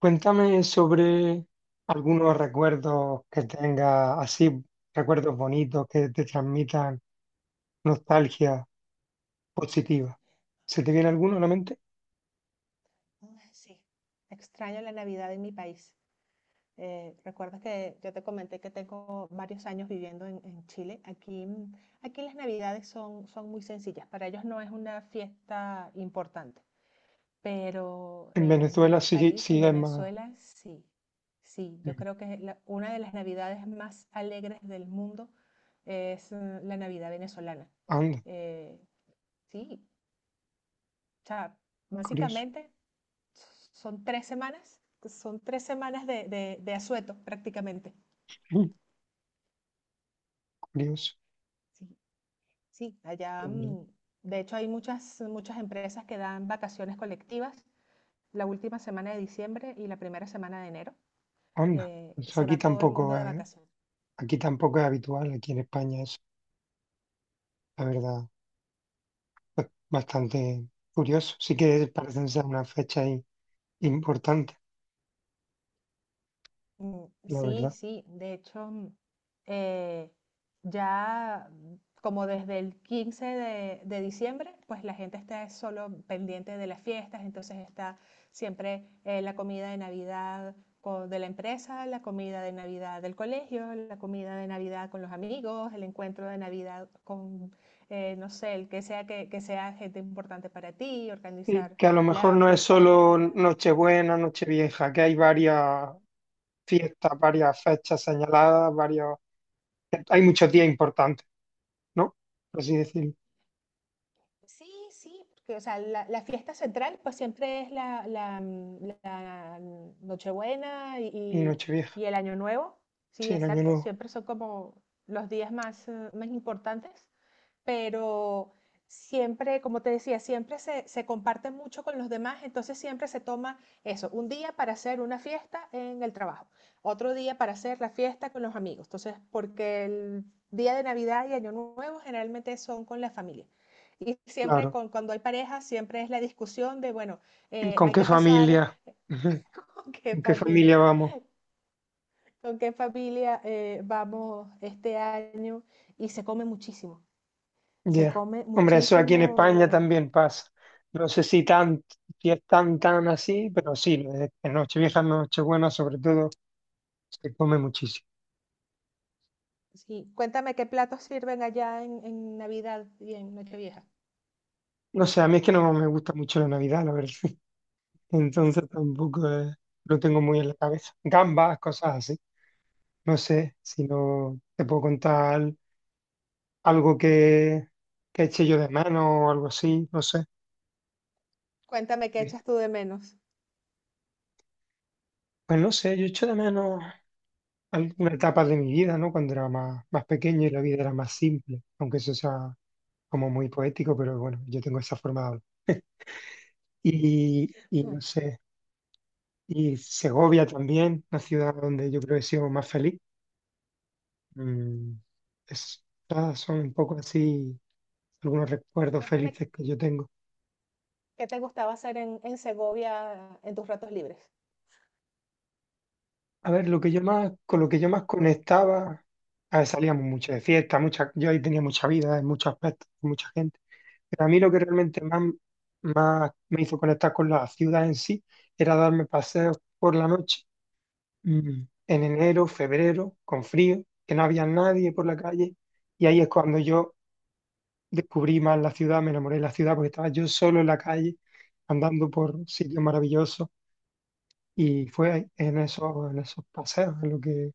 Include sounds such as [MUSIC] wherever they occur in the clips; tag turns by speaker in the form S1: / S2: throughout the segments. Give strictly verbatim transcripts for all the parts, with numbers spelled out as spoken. S1: Cuéntame sobre algunos recuerdos que tengas, así, recuerdos bonitos que te transmitan nostalgia positiva. ¿Se te viene alguno a la mente?
S2: Ay, Sí, extraño la Navidad en mi país. Eh, recuerdas que yo te comenté que tengo varios años viviendo en, en Chile. Aquí, mm, aquí las Navidades son, son muy sencillas. Para ellos no es una fiesta importante, pero
S1: En
S2: en, en
S1: Venezuela
S2: mi
S1: sí,
S2: país, en
S1: sí es más.
S2: Venezuela, sí. Sí, yo
S1: mm,
S2: creo que la- una de las Navidades más alegres del mundo es eh, la Navidad venezolana.
S1: Anda,
S2: Eh, sí, o sea,
S1: curioso.
S2: básicamente son tres semanas, son tres semanas de, de, de asueto prácticamente.
S1: mm, Curioso.
S2: Sí, sí, allá,
S1: La verdad.
S2: mm, de hecho hay muchas, muchas empresas que dan vacaciones colectivas la última semana de diciembre y la primera semana de enero.
S1: Anda.
S2: Eh,
S1: Eso
S2: se
S1: aquí
S2: va todo el mundo
S1: tampoco
S2: de
S1: es,
S2: vacaciones.
S1: aquí tampoco es habitual, aquí en España es, la verdad, pues, bastante curioso. Sí que parecen ser una fecha i- importante,
S2: Mm,
S1: la
S2: sí,
S1: verdad.
S2: sí, de hecho, mm, eh, ya mm, como desde el quince de, de diciembre, pues la gente está solo pendiente de las fiestas, entonces está siempre eh, la comida de Navidad co- de la empresa, la comida de Navidad del colegio, la comida de Navidad con los amigos, el encuentro de Navidad con, eh, no sé, el que sea que, que sea gente importante para ti,
S1: Sí,
S2: organizar
S1: que a lo mejor
S2: la
S1: no es
S2: fiesta de
S1: solo
S2: Navidad.
S1: Nochebuena, Nochevieja, que hay varias fiestas, varias fechas señaladas, varios, hay muchos días importantes, ¿no? Por así decirlo.
S2: Sí, sí, porque, o sea, la, la fiesta central pues siempre es la, la, mm, la Nochebuena
S1: Y
S2: y,
S1: Nochevieja,
S2: y el Año Nuevo. Sí,
S1: sí, el Año
S2: exacto,
S1: Nuevo,
S2: siempre son como los días más, eh, más importantes pero siempre, como te decía, siempre se, se comparte mucho con los demás, entonces siempre se toma eso, un día para hacer una fiesta en el trabajo, otro día para hacer la fiesta con los amigos, entonces porque el día de Navidad y Año Nuevo generalmente son con la familia. Y siempre
S1: claro.
S2: con, cuando hay pareja, siempre es la discusión de, bueno, eh,
S1: ¿Con
S2: hay
S1: qué
S2: que pasar
S1: familia? [LAUGHS] Ujú.
S2: [LAUGHS] con qué
S1: ¿Con qué familia
S2: familia,
S1: vamos?
S2: con qué familia eh, vamos este año. Y se come muchísimo, se
S1: Ya.
S2: come
S1: Hombre, eso aquí en España
S2: muchísimo.
S1: también pasa. No sé si tan, si es tan, tan así, pero sí, de- en Nochevieja, Nochebuena, sobre todo, se come muchísimo.
S2: Sí, cuéntame qué platos sirven allá en, en Navidad y en Nochevieja.
S1: No sé, a mí es que no me gusta mucho la Navidad, la verdad. Entonces tampoco eh, lo tengo muy en la cabeza. Gambas, cosas así. No sé si no te puedo contar algo que, que eche yo de menos o algo así, no sé.
S2: Cuéntame qué
S1: Eh,
S2: echas tú de menos.
S1: Pues no sé, yo echo de menos alguna etapa de mi vida, ¿no? Cuando era más, más pequeño y la vida era más simple, aunque eso sea como muy poético, pero bueno, yo tengo esa forma de hablar. Y, y
S2: Mm,
S1: no sé, y Segovia también, una ciudad donde yo creo que he sido más feliz. Mm, es- todas son un poco así algunos recuerdos
S2: cuéntame
S1: felices que yo tengo.
S2: qué te gustaba hacer en, en Segovia en tus ratos libres.
S1: A ver, lo que yo más, con lo que yo más conectaba, a ver, salíamos mucho de fiesta, mucha, yo ahí tenía mucha vida en muchos aspectos, con mucha gente, pero a mí lo que realmente más, más me hizo conectar con la ciudad en sí era darme paseos por la noche, mm, en enero, febrero, con frío, que no había nadie por la calle, y ahí es cuando yo descubrí más la ciudad, me enamoré de la ciudad porque estaba yo solo en la calle, andando por sitios maravillosos. Y fue ahí, en esos, en esos paseos, en lo que,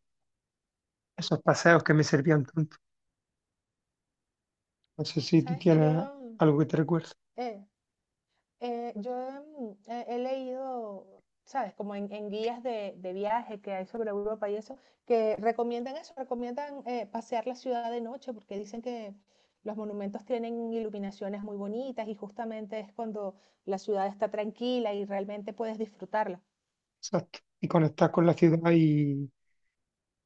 S1: esos paseos que me servían tanto. No sé
S2: Oh,
S1: si tú
S2: sabes que
S1: tienes
S2: yo,
S1: algo que te recuerde.
S2: eh, Eh, yo mm, he, he leído, ¿sabes? Como en, en guías de, de viaje que hay sobre Europa y eso, que recomiendan eso, recomiendan eh, pasear la ciudad de noche porque dicen que los monumentos tienen iluminaciones muy bonitas y justamente es cuando la ciudad está tranquila y realmente puedes disfrutarla.
S1: Exacto. Y conectar con la ciudad y,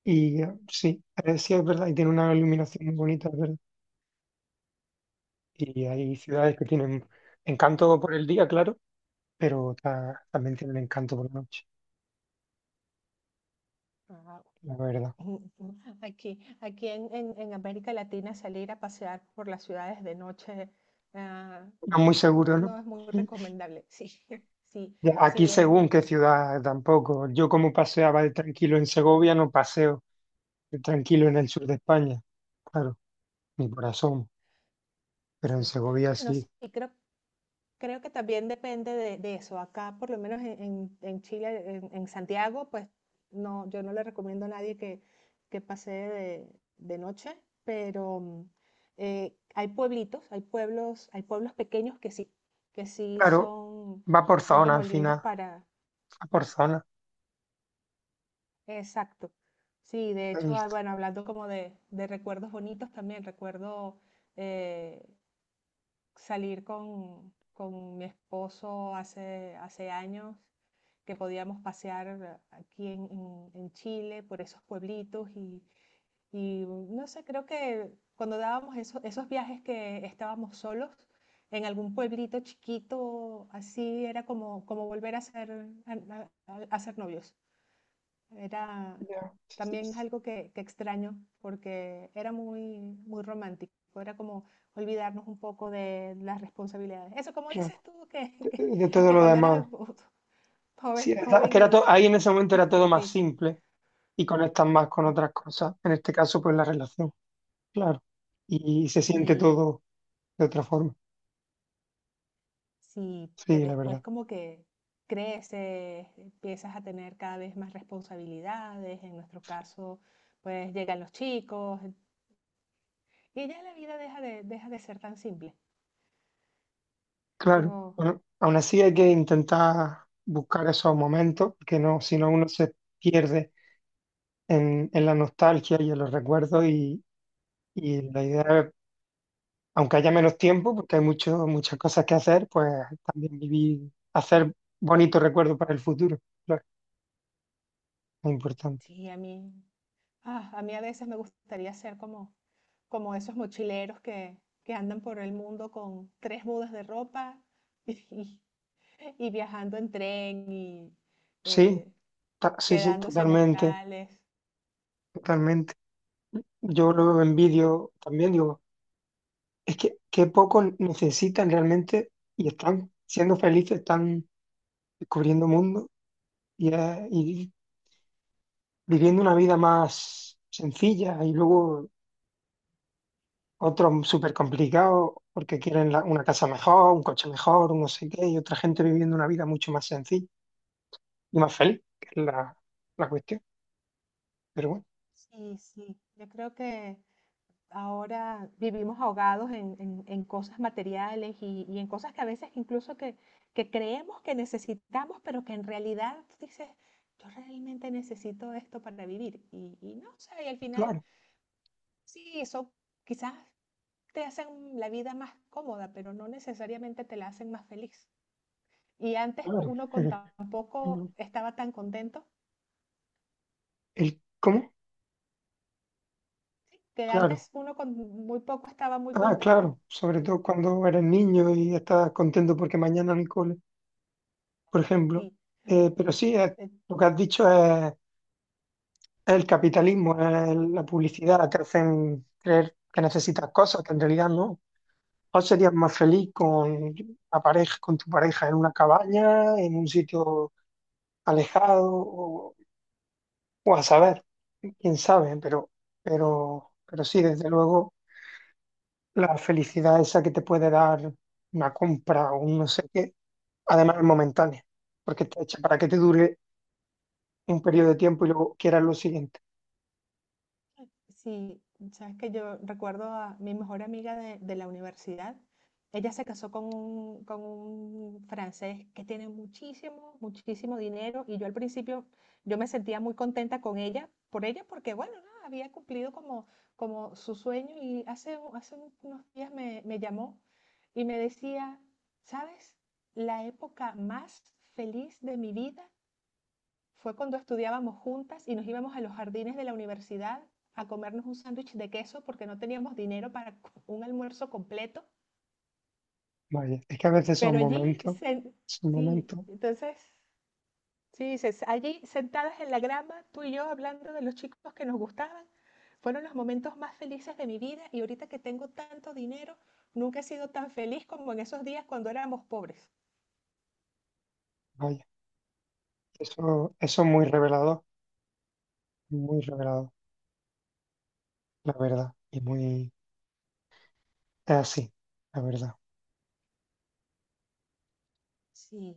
S1: y eh, sí, eh, sí es verdad, y tiene una iluminación muy bonita, es verdad. Y hay ciudades que tienen encanto por el día, claro, pero ta- también tienen encanto por la noche,
S2: Ah,
S1: la verdad.
S2: [LAUGHS] Aquí, aquí en, en- en América Latina salir a pasear por las ciudades de noche ah,
S1: No muy
S2: no,
S1: seguro, ¿no?
S2: no es muy
S1: [LAUGHS]
S2: recomendable. Sí, [LAUGHS] sí.
S1: Ya,
S2: Si
S1: aquí según
S2: bien
S1: qué ciudad tampoco. Yo como paseaba de tranquilo en Segovia, no paseo de tranquilo en el sur de España. Claro. Mi corazón, pero en
S2: sí,
S1: Segovia
S2: bueno, sí,
S1: sí.
S2: creo, creo que también depende de, de eso. Acá, por lo menos en, en- en Chile, en, en Santiago, pues no, yo no le recomiendo a nadie que, que pase de, de noche, pero mm, eh, hay pueblitos, hay pueblos, hay pueblos pequeños que sí, que sí
S1: Claro,
S2: son,
S1: va por
S2: son
S1: zona
S2: como
S1: al
S2: lindos
S1: final,
S2: para,
S1: va por zona,
S2: exacto. Sí, de
S1: la
S2: hecho, ah,
S1: lista.
S2: bueno, hablando como de, de recuerdos bonitos también, recuerdo eh, salir con, con mi esposo hace, hace años, que podíamos pasear aquí en, en- en Chile por esos pueblitos y, y, no sé, creo que cuando dábamos eso- esos viajes que estábamos solos en algún pueblito chiquito, así era como, como volver a ser, a- a- a- a ser novios. Era
S1: Ya,
S2: también es algo que, que extraño porque era muy, muy romántico. Era como olvidarnos un poco de las responsabilidades. Eso, como dices
S1: claro.
S2: tú, que,
S1: De,
S2: [LAUGHS]
S1: de
S2: que,
S1: todo
S2: que
S1: lo
S2: cuando eras
S1: demás. Sí,
S2: joven,
S1: es verdad
S2: joven
S1: que era to-
S2: y,
S1: ahí en ese
S2: [LAUGHS]
S1: momento
S2: y
S1: era todo más
S2: feliz.
S1: simple y conectas más con otras cosas. En este caso, pues la relación, claro. Y, se siente
S2: Y
S1: todo de otra forma.
S2: sí, que
S1: Sí, la
S2: después
S1: verdad.
S2: como que creces, empiezas a tener cada vez más responsabilidades. En nuestro caso, pues llegan los chicos y ya la vida deja de, deja de ser tan simple.
S1: Claro.
S2: Yo,
S1: Bueno, aún así hay que intentar buscar esos momentos, que no, si no uno se pierde en, en la nostalgia y en los recuerdos y, y la idea aunque haya menos tiempo, porque hay mucho, muchas cosas que hacer, pues también vivir, hacer bonitos recuerdos para el futuro, claro, es importante.
S2: sí, a mí. Ah, a mí a veces me gustaría ser como, como esos mochileros que, que andan por el mundo con tres mudas de ropa [LAUGHS] y, y viajando en tren y
S1: Sí,
S2: eh,
S1: ta- sí, sí,
S2: quedándose en
S1: totalmente,
S2: hostales.
S1: totalmente. Yo lo envidio también, digo, es que qué poco necesitan realmente y están siendo felices, están descubriendo mundo y, eh, y viviendo una vida más sencilla y luego otros súper complicados porque quieren la- una casa mejor, un coche mejor, un no sé qué, y otra gente viviendo una vida mucho más sencilla y más feliz, que es la, la cuestión. Pero bueno,
S2: Sí, sí, yo creo que ahora vivimos ahogados en, en- en cosas materiales y, y en cosas que a veces incluso que, que creemos que necesitamos, pero que en realidad dices, yo realmente necesito esto para vivir. Y, y no sé, y al final
S1: claro,
S2: sí, eso quizás te hacen la vida más cómoda, pero no necesariamente te la hacen más feliz. Y antes co-
S1: claro.
S2: uno con
S1: [LAUGHS]
S2: tampoco estaba tan contento,
S1: ¿El cómo?
S2: ¿sí? Que
S1: Claro.
S2: antes uno con muy poco estaba muy
S1: Ah,
S2: contento.
S1: claro. Sobre
S2: De-
S1: todo cuando eres niño y estás contento porque mañana no hay cole, por ejemplo.
S2: sí,
S1: Eh, pero sí, es- lo que has dicho es, es el capitalismo, es la publicidad, te hacen creer que necesitas cosas que en realidad no. ¿Cuál serías más feliz con la pareja, con tu pareja en una cabaña, en un sitio alejado o, o a saber? Quién sabe, pero, pero, pero sí, desde luego, la felicidad esa que te puede dar una compra o un no sé qué, además es momentánea, porque está hecha para que te dure un periodo de tiempo y luego quieras lo siguiente.
S2: sí, sabes que yo recuerdo a mi mejor amiga de, de la universidad. Ella se casó con un, con un francés que tiene muchísimo, muchísimo dinero y yo al principio yo me sentía muy contenta con ella, por ella, porque bueno, nada, había cumplido como, como su sueño y hace, u- hace un- unos días me, me llamó y me decía, ¿sabes? La época más feliz de mi vida fue cuando estudiábamos juntas y nos íbamos a los jardines de la universidad a comernos un sándwich de queso porque no teníamos dinero para un almuerzo completo.
S1: Vaya, es que a veces son
S2: Pero allí,
S1: momentos,
S2: se-
S1: son
S2: sí,
S1: momentos,
S2: entonces, sí, se- allí sentadas en la grama, tú y yo hablando de los chicos que nos gustaban, fueron los momentos más felices de mi vida y ahorita que tengo tanto dinero, nunca he sido tan feliz como en esos días cuando éramos pobres.
S1: vaya, eso, eso es muy revelador, muy revelador, la verdad, y muy es así, la verdad.
S2: Sí,